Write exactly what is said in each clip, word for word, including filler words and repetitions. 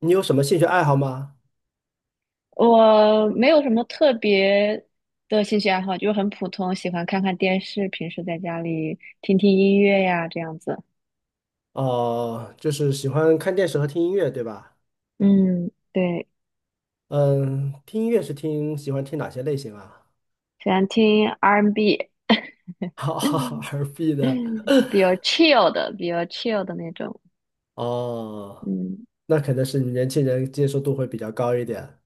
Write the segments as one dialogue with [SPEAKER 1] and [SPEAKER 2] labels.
[SPEAKER 1] 你有什么兴趣爱好吗？
[SPEAKER 2] 我没有什么特别的兴趣爱好，就是很普通，喜欢看看电视，平时在家里听听音乐呀，这样子。
[SPEAKER 1] 哦、就是喜欢看电视和听音乐，对吧？
[SPEAKER 2] 嗯，对，
[SPEAKER 1] 嗯，听音乐是听，喜欢听哪些类型啊
[SPEAKER 2] 喜欢听 R and B，嗯
[SPEAKER 1] ？R and B 的，
[SPEAKER 2] 嗯，比较 chill 的，比较 chill 的那种。
[SPEAKER 1] 哦，
[SPEAKER 2] 嗯
[SPEAKER 1] 那可能是你年轻人接受度会比较高一点。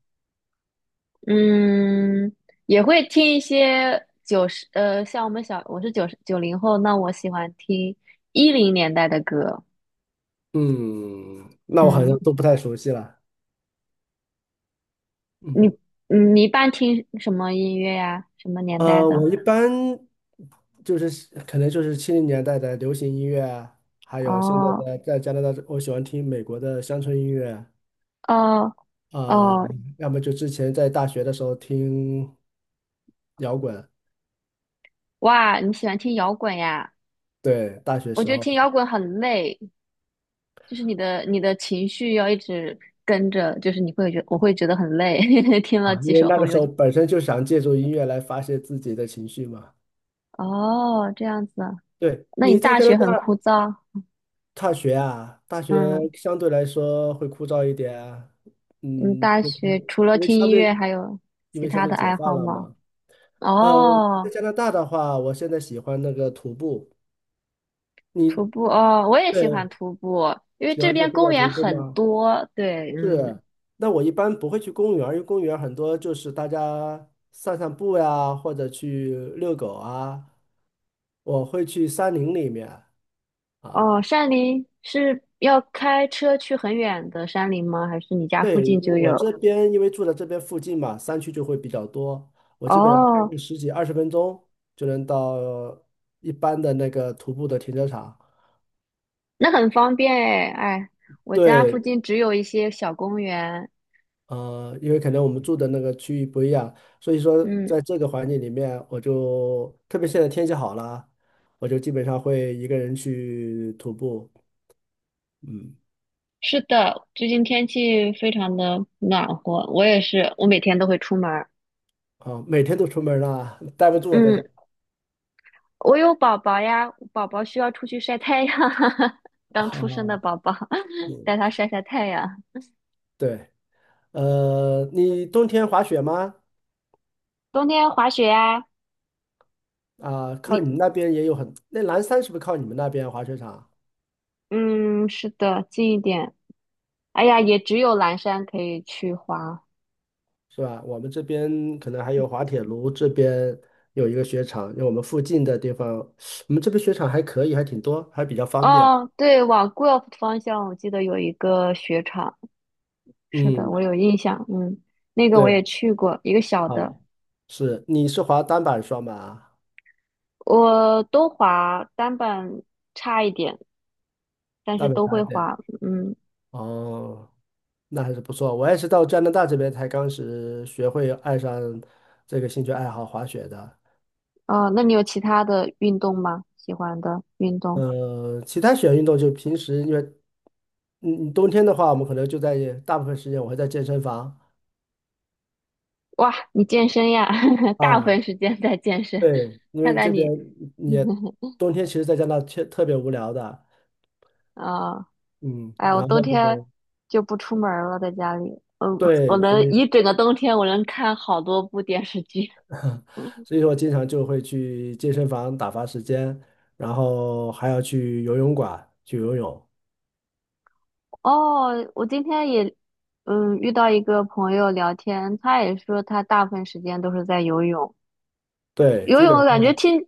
[SPEAKER 2] 嗯，也会听一些九十，呃，像我们小，我是九十九零后，那我喜欢听一零年代的歌。
[SPEAKER 1] 嗯，那我好
[SPEAKER 2] 嗯，
[SPEAKER 1] 像都不太熟悉了。
[SPEAKER 2] 你
[SPEAKER 1] 嗯，
[SPEAKER 2] 嗯你一般听什么音乐呀？什么年代
[SPEAKER 1] 呃，
[SPEAKER 2] 的？
[SPEAKER 1] 我一般就是可能就是七零年代的流行音乐啊还有现在
[SPEAKER 2] 哦
[SPEAKER 1] 的在加拿大，我喜欢听美国的乡村音乐。
[SPEAKER 2] 哦
[SPEAKER 1] 啊，
[SPEAKER 2] 哦，
[SPEAKER 1] 要么就之前在大学的时候听摇滚，
[SPEAKER 2] 哇，你喜欢听摇滚呀？
[SPEAKER 1] 对，大学
[SPEAKER 2] 我
[SPEAKER 1] 时
[SPEAKER 2] 觉得
[SPEAKER 1] 候
[SPEAKER 2] 听摇滚很累，就是你的你的情绪要一直跟着，就是你会觉我会觉得很累，听了
[SPEAKER 1] 啊，因
[SPEAKER 2] 几
[SPEAKER 1] 为
[SPEAKER 2] 首
[SPEAKER 1] 那
[SPEAKER 2] 后
[SPEAKER 1] 个时
[SPEAKER 2] 又
[SPEAKER 1] 候
[SPEAKER 2] 觉
[SPEAKER 1] 本身就想借助音乐来发泄自己的情绪嘛。
[SPEAKER 2] 哦，这样子啊，
[SPEAKER 1] 对，
[SPEAKER 2] 那你
[SPEAKER 1] 你在
[SPEAKER 2] 大
[SPEAKER 1] 加拿
[SPEAKER 2] 学很
[SPEAKER 1] 大
[SPEAKER 2] 枯燥？
[SPEAKER 1] 大学啊，大学
[SPEAKER 2] 嗯，
[SPEAKER 1] 相对来说会枯燥一点啊，
[SPEAKER 2] 你
[SPEAKER 1] 嗯，
[SPEAKER 2] 大
[SPEAKER 1] 因
[SPEAKER 2] 学
[SPEAKER 1] 为
[SPEAKER 2] 除了
[SPEAKER 1] 因为
[SPEAKER 2] 听
[SPEAKER 1] 相
[SPEAKER 2] 音乐
[SPEAKER 1] 对
[SPEAKER 2] 还有
[SPEAKER 1] 因
[SPEAKER 2] 其
[SPEAKER 1] 为相
[SPEAKER 2] 他
[SPEAKER 1] 对
[SPEAKER 2] 的
[SPEAKER 1] 解
[SPEAKER 2] 爱
[SPEAKER 1] 放
[SPEAKER 2] 好
[SPEAKER 1] 了
[SPEAKER 2] 吗？
[SPEAKER 1] 嘛。呃，在
[SPEAKER 2] 哦，
[SPEAKER 1] 加拿大的话，我现在喜欢那个徒步，
[SPEAKER 2] 徒
[SPEAKER 1] 你
[SPEAKER 2] 步哦，我也喜欢
[SPEAKER 1] 对
[SPEAKER 2] 徒步，因为
[SPEAKER 1] 喜
[SPEAKER 2] 这
[SPEAKER 1] 欢去
[SPEAKER 2] 边
[SPEAKER 1] 户
[SPEAKER 2] 公
[SPEAKER 1] 外
[SPEAKER 2] 园
[SPEAKER 1] 徒步
[SPEAKER 2] 很
[SPEAKER 1] 吗？
[SPEAKER 2] 多。对，嗯，
[SPEAKER 1] 是，那我一般不会去公园儿因为公园儿很多就是大家散散步呀，或者去遛狗啊。我会去山林里面啊，
[SPEAKER 2] 哦，山林是要开车去很远的山林吗？还是你家附
[SPEAKER 1] 对，
[SPEAKER 2] 近
[SPEAKER 1] 因为
[SPEAKER 2] 就
[SPEAKER 1] 我这
[SPEAKER 2] 有？
[SPEAKER 1] 边因为住在这边附近嘛，山区就会比较多，我基本上开
[SPEAKER 2] 哦，
[SPEAKER 1] 个十几二十分钟就能到一般的那个徒步的停车场。
[SPEAKER 2] 那很方便。哎，哎，我家附
[SPEAKER 1] 对，
[SPEAKER 2] 近只有一些小公园。
[SPEAKER 1] 呃，因为可能我们住的那个区域不一样，所以说
[SPEAKER 2] 嗯，
[SPEAKER 1] 在这个环境里面，我就特别现在天气好了，我就基本上会一个人去徒步，嗯，
[SPEAKER 2] 是的，最近天气非常的暖和，我也是，我每天都会出门儿。
[SPEAKER 1] 啊，每天都出门了，待不住我在
[SPEAKER 2] 嗯，
[SPEAKER 1] 家。
[SPEAKER 2] 我有宝宝呀，宝宝需要出去晒太阳，刚出生的
[SPEAKER 1] 啊，
[SPEAKER 2] 宝宝，
[SPEAKER 1] 嗯，
[SPEAKER 2] 带他晒晒太阳。
[SPEAKER 1] 对，呃，你冬天滑雪吗？
[SPEAKER 2] 冬天滑雪呀，
[SPEAKER 1] 啊，靠
[SPEAKER 2] 你，
[SPEAKER 1] 你们那边也有很，那蓝山是不是靠你们那边滑雪场啊？
[SPEAKER 2] 嗯，是的，近一点。哎呀，也只有蓝山可以去滑。
[SPEAKER 1] 是吧？我们这边可能还有滑铁卢这边有一个雪场，因为我们附近的地方，我们这边雪场还可以，还挺多，还比较方便。
[SPEAKER 2] 哦，对，往 g u e l p 方向，我记得有一个雪场，是的，
[SPEAKER 1] 嗯，
[SPEAKER 2] 我有印象。嗯，那个我
[SPEAKER 1] 对，
[SPEAKER 2] 也去过，一个小
[SPEAKER 1] 啊，
[SPEAKER 2] 的。
[SPEAKER 1] 是，你是滑单板双板啊？
[SPEAKER 2] 我都滑单板差一点，但
[SPEAKER 1] 单
[SPEAKER 2] 是
[SPEAKER 1] 板
[SPEAKER 2] 都
[SPEAKER 1] 大
[SPEAKER 2] 会
[SPEAKER 1] 一点。
[SPEAKER 2] 滑。嗯，
[SPEAKER 1] 哦，那还是不错。我也是到加拿大这边才刚是学会爱上这个兴趣爱好滑雪的。
[SPEAKER 2] 哦，那你有其他的运动吗？喜欢的运动？
[SPEAKER 1] 呃，其他雪运动就平时因为，嗯，冬天的话，我们可能就在大部分时间我会在健身房。
[SPEAKER 2] 哇，你健身呀，大部
[SPEAKER 1] 啊，
[SPEAKER 2] 分时间在健身，
[SPEAKER 1] 对，因
[SPEAKER 2] 看
[SPEAKER 1] 为
[SPEAKER 2] 来
[SPEAKER 1] 这边
[SPEAKER 2] 你
[SPEAKER 1] 嗯也 冬天，其实在加拿大特特别无聊的，
[SPEAKER 2] 啊、哦，
[SPEAKER 1] 嗯，
[SPEAKER 2] 哎，我
[SPEAKER 1] 然
[SPEAKER 2] 冬
[SPEAKER 1] 后
[SPEAKER 2] 天就不出门儿了，在家里，呃，我
[SPEAKER 1] 对，所
[SPEAKER 2] 能
[SPEAKER 1] 以
[SPEAKER 2] 一整个冬天，我能看好多部电视剧。
[SPEAKER 1] 所以说我经常就会去健身房打发时间，然后还要去游泳馆去游泳，
[SPEAKER 2] 哦，我今天也，嗯，遇到一个朋友聊天，他也说他大部分时间都是在游泳，
[SPEAKER 1] 对，
[SPEAKER 2] 游
[SPEAKER 1] 基本
[SPEAKER 2] 泳感觉
[SPEAKER 1] 上，
[SPEAKER 2] 听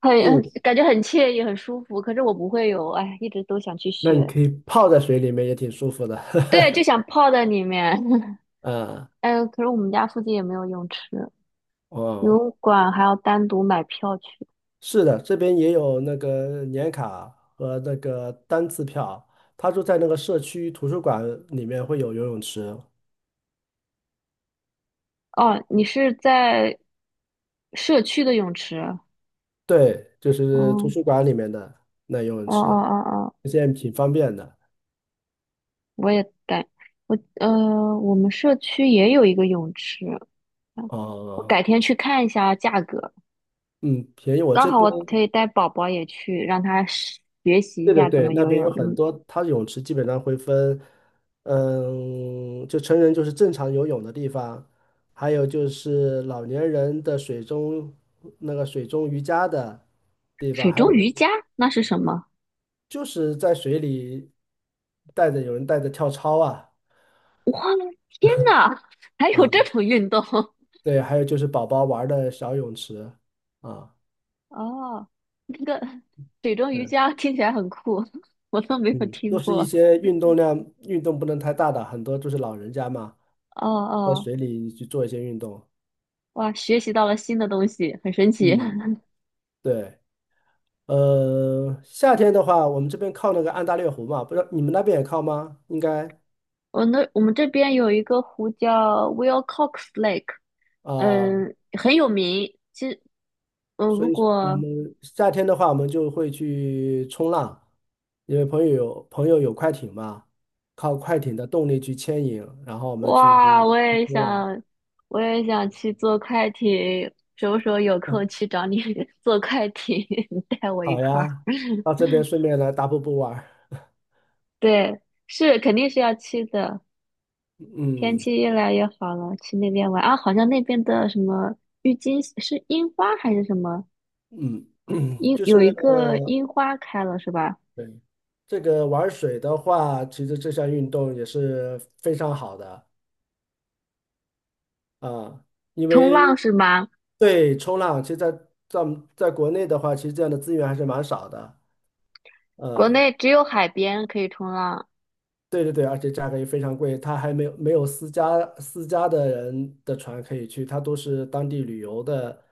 [SPEAKER 2] 很很
[SPEAKER 1] 嗯，
[SPEAKER 2] 感觉很惬意，很舒服。可是我不会游，哎，一直都想去
[SPEAKER 1] 那你
[SPEAKER 2] 学。
[SPEAKER 1] 可以泡在水里面也挺舒服的，
[SPEAKER 2] 对，就想泡在里面。
[SPEAKER 1] 嗯，
[SPEAKER 2] 哎，可是我们家附近也没有泳池，游
[SPEAKER 1] 哦，
[SPEAKER 2] 泳馆还要单独买票去。
[SPEAKER 1] 是的，这边也有那个年卡和那个单次票，他就在那个社区图书馆里面会有游泳池。
[SPEAKER 2] 哦，你是在社区的泳池？
[SPEAKER 1] 对，就是图书
[SPEAKER 2] 哦
[SPEAKER 1] 馆里面的那游泳
[SPEAKER 2] 哦
[SPEAKER 1] 池，
[SPEAKER 2] 哦哦哦，
[SPEAKER 1] 现在挺方便的。
[SPEAKER 2] 我也改，我呃，我们社区也有一个泳池，啊，我改
[SPEAKER 1] 哦，
[SPEAKER 2] 天去看一下价格，
[SPEAKER 1] 嗯，便宜。我
[SPEAKER 2] 刚
[SPEAKER 1] 这
[SPEAKER 2] 好
[SPEAKER 1] 边，
[SPEAKER 2] 我可以带宝宝也去，让他学学习一
[SPEAKER 1] 对对
[SPEAKER 2] 下怎
[SPEAKER 1] 对，
[SPEAKER 2] 么
[SPEAKER 1] 那
[SPEAKER 2] 游
[SPEAKER 1] 边
[SPEAKER 2] 泳。
[SPEAKER 1] 有很
[SPEAKER 2] 嗯，
[SPEAKER 1] 多，它泳池基本上会分，嗯，就成人就是正常游泳的地方，还有就是老年人的水中那个水中瑜伽的地方，
[SPEAKER 2] 水
[SPEAKER 1] 还
[SPEAKER 2] 中
[SPEAKER 1] 有
[SPEAKER 2] 瑜伽那是什么？
[SPEAKER 1] 就是在水里带着有人带着跳操啊
[SPEAKER 2] 天呐，还有
[SPEAKER 1] 啊，
[SPEAKER 2] 这种运动？
[SPEAKER 1] 对，还有就是宝宝玩儿的小泳池啊。
[SPEAKER 2] 哦，那个水中瑜
[SPEAKER 1] 对。
[SPEAKER 2] 伽听起来很酷，我都没有
[SPEAKER 1] 嗯，都
[SPEAKER 2] 听
[SPEAKER 1] 是一
[SPEAKER 2] 过。
[SPEAKER 1] 些运动量，运动不能太大的，很多就是老人家嘛，
[SPEAKER 2] 哦
[SPEAKER 1] 在
[SPEAKER 2] 哦，
[SPEAKER 1] 水里去做一些运动。
[SPEAKER 2] 哇，学习到了新的东西，很神奇。
[SPEAKER 1] 嗯，对，呃，夏天的话，我们这边靠那个安大略湖嘛，不知道你们那边也靠吗？应该
[SPEAKER 2] 我那我们这边有一个湖叫 Wilcox Lake，
[SPEAKER 1] 啊，
[SPEAKER 2] 嗯，很有名。其实，嗯，
[SPEAKER 1] 所
[SPEAKER 2] 如
[SPEAKER 1] 以我
[SPEAKER 2] 果
[SPEAKER 1] 们夏天的话，我们就会去冲浪，因为朋友有朋友有快艇嘛，靠快艇的动力去牵引，然后我们去
[SPEAKER 2] 哇，
[SPEAKER 1] 去
[SPEAKER 2] 我也
[SPEAKER 1] 冲浪。
[SPEAKER 2] 想，我也想去坐快艇，什么时候有空去 找你 坐快艇，你带我一
[SPEAKER 1] 好
[SPEAKER 2] 块儿。
[SPEAKER 1] 呀，到这边顺便来大瀑布玩儿
[SPEAKER 2] 对，是肯定是要去的。天
[SPEAKER 1] 嗯。
[SPEAKER 2] 气越来越好了，去那边玩啊！好像那边的什么郁金是樱花还是什么？
[SPEAKER 1] 嗯，
[SPEAKER 2] 樱
[SPEAKER 1] 就是
[SPEAKER 2] 有一个
[SPEAKER 1] 呃
[SPEAKER 2] 樱花开了是吧？
[SPEAKER 1] 对这个玩水的话，其实这项运动也是非常好的啊，因
[SPEAKER 2] 冲
[SPEAKER 1] 为
[SPEAKER 2] 浪是吗？
[SPEAKER 1] 对冲浪，其实在在我们在国内的话，其实这样的资源还是蛮少的。
[SPEAKER 2] 国
[SPEAKER 1] 嗯，
[SPEAKER 2] 内只有海边可以冲浪。
[SPEAKER 1] 对对对，而且价格也非常贵，它还没有没有私家私家的人的船可以去，它都是当地旅游的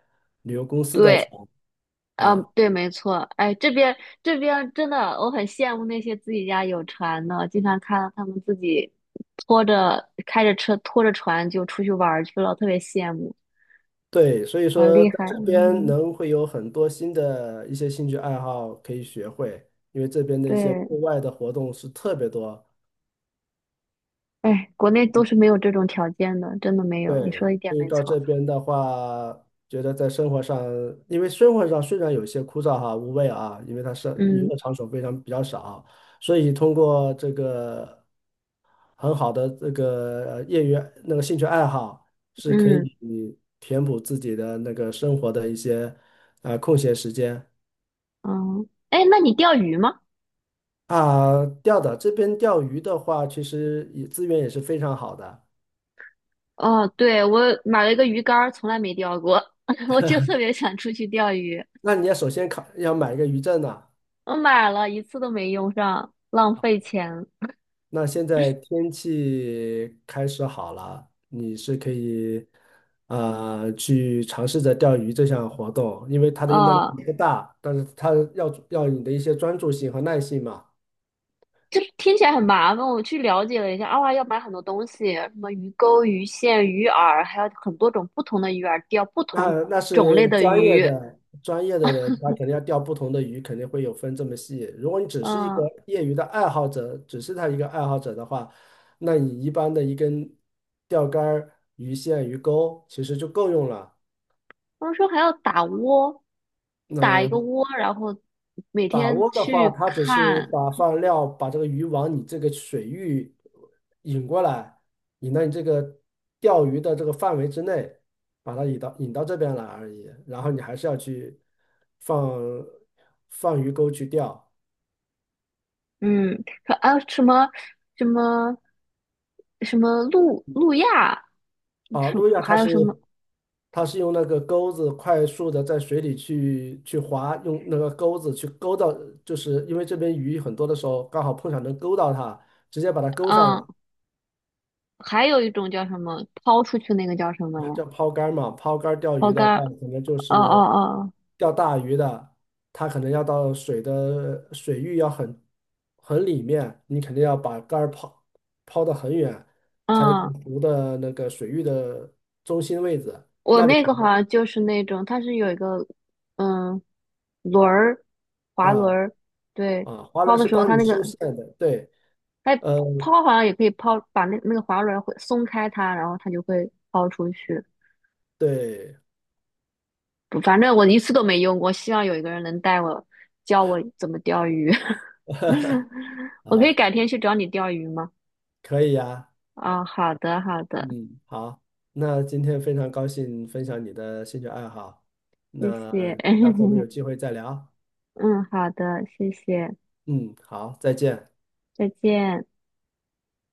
[SPEAKER 1] 旅游公司的
[SPEAKER 2] 对，
[SPEAKER 1] 船
[SPEAKER 2] 嗯，
[SPEAKER 1] 啊。
[SPEAKER 2] 对，没错。哎，这边这边真的，我很羡慕那些自己家有船的，经常看到他们自己拖着开着车拖着船就出去玩儿去了，特别羡慕，
[SPEAKER 1] 对，所以
[SPEAKER 2] 好
[SPEAKER 1] 说
[SPEAKER 2] 厉
[SPEAKER 1] 在
[SPEAKER 2] 害。
[SPEAKER 1] 这边
[SPEAKER 2] 嗯，
[SPEAKER 1] 能会有很多新的一些兴趣爱好可以学会，因为这边的一些
[SPEAKER 2] 对，
[SPEAKER 1] 户外的活动是特别多。
[SPEAKER 2] 哎，国内都是没有这种条件的，真的没有。你
[SPEAKER 1] 对，
[SPEAKER 2] 说的一点
[SPEAKER 1] 所以
[SPEAKER 2] 没
[SPEAKER 1] 到
[SPEAKER 2] 错。
[SPEAKER 1] 这边的话，觉得在生活上，因为生活上虽然有些枯燥哈、无味啊，因为它是娱
[SPEAKER 2] 嗯
[SPEAKER 1] 乐场所非常比较少，所以通过这个很好的这个呃业余那个兴趣爱好，是可
[SPEAKER 2] 嗯
[SPEAKER 1] 以填补自己的那个生活的一些啊、呃空闲时间。
[SPEAKER 2] 嗯，哎，那你钓鱼吗？
[SPEAKER 1] 啊，钓的这边钓鱼的话，其实也资源也是非常好的。
[SPEAKER 2] 哦，对，我买了一个鱼竿儿，从来没钓过，我就特别想出去钓鱼。
[SPEAKER 1] 那你要首先考要买一个渔证呢、
[SPEAKER 2] 我买了一次都没用上，浪费钱。
[SPEAKER 1] 那现在天气开始好了，你是可以呃去尝试着钓鱼这项活动，因为它的运动量
[SPEAKER 2] 啊、
[SPEAKER 1] 不大，但是它要要你的一些专注性和耐性嘛。
[SPEAKER 2] 这听起来很麻烦。我去了解了一下，啊，要买很多东西，什么鱼钩、鱼线、鱼饵，还有很多种不同的鱼饵，钓不
[SPEAKER 1] 那
[SPEAKER 2] 同
[SPEAKER 1] 那
[SPEAKER 2] 种
[SPEAKER 1] 是
[SPEAKER 2] 类的
[SPEAKER 1] 专业
[SPEAKER 2] 鱼。
[SPEAKER 1] 的专业的人，他肯定要钓不同的鱼，肯定会有分这么细。如果你只是一个
[SPEAKER 2] 嗯，
[SPEAKER 1] 业余的爱好者，只是他一个爱好者的话，那你一般的一根钓竿儿、鱼线、鱼钩其实就够用了。
[SPEAKER 2] 他们说还要打窝，打一个
[SPEAKER 1] 那
[SPEAKER 2] 窝，然后每
[SPEAKER 1] 打
[SPEAKER 2] 天
[SPEAKER 1] 窝的话，
[SPEAKER 2] 去
[SPEAKER 1] 它只是
[SPEAKER 2] 看。
[SPEAKER 1] 把放料，把这个鱼往你这个水域引过来，引到你这个钓鱼的这个范围之内，把它引到引到这边来而已。然后你还是要去放放鱼钩去钓
[SPEAKER 2] 嗯，说啊什么什么什么路路亚，
[SPEAKER 1] 啊。
[SPEAKER 2] 什
[SPEAKER 1] 路亚它
[SPEAKER 2] 还有
[SPEAKER 1] 是
[SPEAKER 2] 什么？
[SPEAKER 1] 它是用那个钩子快速的在水里去去划，用那个钩子去勾到，就是因为这边鱼很多的时候刚好碰巧能勾到它，直接把它勾上来。
[SPEAKER 2] 嗯，还有一种叫什么抛出去那个叫什么
[SPEAKER 1] 啊
[SPEAKER 2] 呀？
[SPEAKER 1] 叫抛竿儿嘛，抛竿儿钓
[SPEAKER 2] 抛
[SPEAKER 1] 鱼的话，
[SPEAKER 2] 竿？
[SPEAKER 1] 可能就
[SPEAKER 2] 哦
[SPEAKER 1] 是
[SPEAKER 2] 哦
[SPEAKER 1] 钓大鱼的，它可能要到水的水域要很很里面，你肯定要把竿儿抛抛得很远，才能到
[SPEAKER 2] 哦，嗯，
[SPEAKER 1] 湖的那个水域的中心位置
[SPEAKER 2] 我那个好像就是那种，它是有一个嗯轮儿，滑
[SPEAKER 1] 啊
[SPEAKER 2] 轮儿，对，
[SPEAKER 1] 啊，华
[SPEAKER 2] 抛
[SPEAKER 1] 人
[SPEAKER 2] 的
[SPEAKER 1] 是
[SPEAKER 2] 时候
[SPEAKER 1] 帮
[SPEAKER 2] 它
[SPEAKER 1] 你
[SPEAKER 2] 那
[SPEAKER 1] 收
[SPEAKER 2] 个
[SPEAKER 1] 线的，对，
[SPEAKER 2] 哎
[SPEAKER 1] 呃，
[SPEAKER 2] 抛好像也可以抛，把那那个滑轮儿会松开它，然后它就会抛出去。
[SPEAKER 1] 对，
[SPEAKER 2] 反正我一次都没用过，希望有一个人能带我，教我怎么钓鱼。我可以改天去找你钓鱼吗？
[SPEAKER 1] 可以呀，
[SPEAKER 2] 啊、好的，好的，
[SPEAKER 1] 嗯，好，那今天非常高兴分享你的兴趣爱好，
[SPEAKER 2] 谢
[SPEAKER 1] 那
[SPEAKER 2] 谢。
[SPEAKER 1] 那咱们有 机会再聊，
[SPEAKER 2] 嗯，好的，谢谢，
[SPEAKER 1] 嗯，好，再见。
[SPEAKER 2] 再见。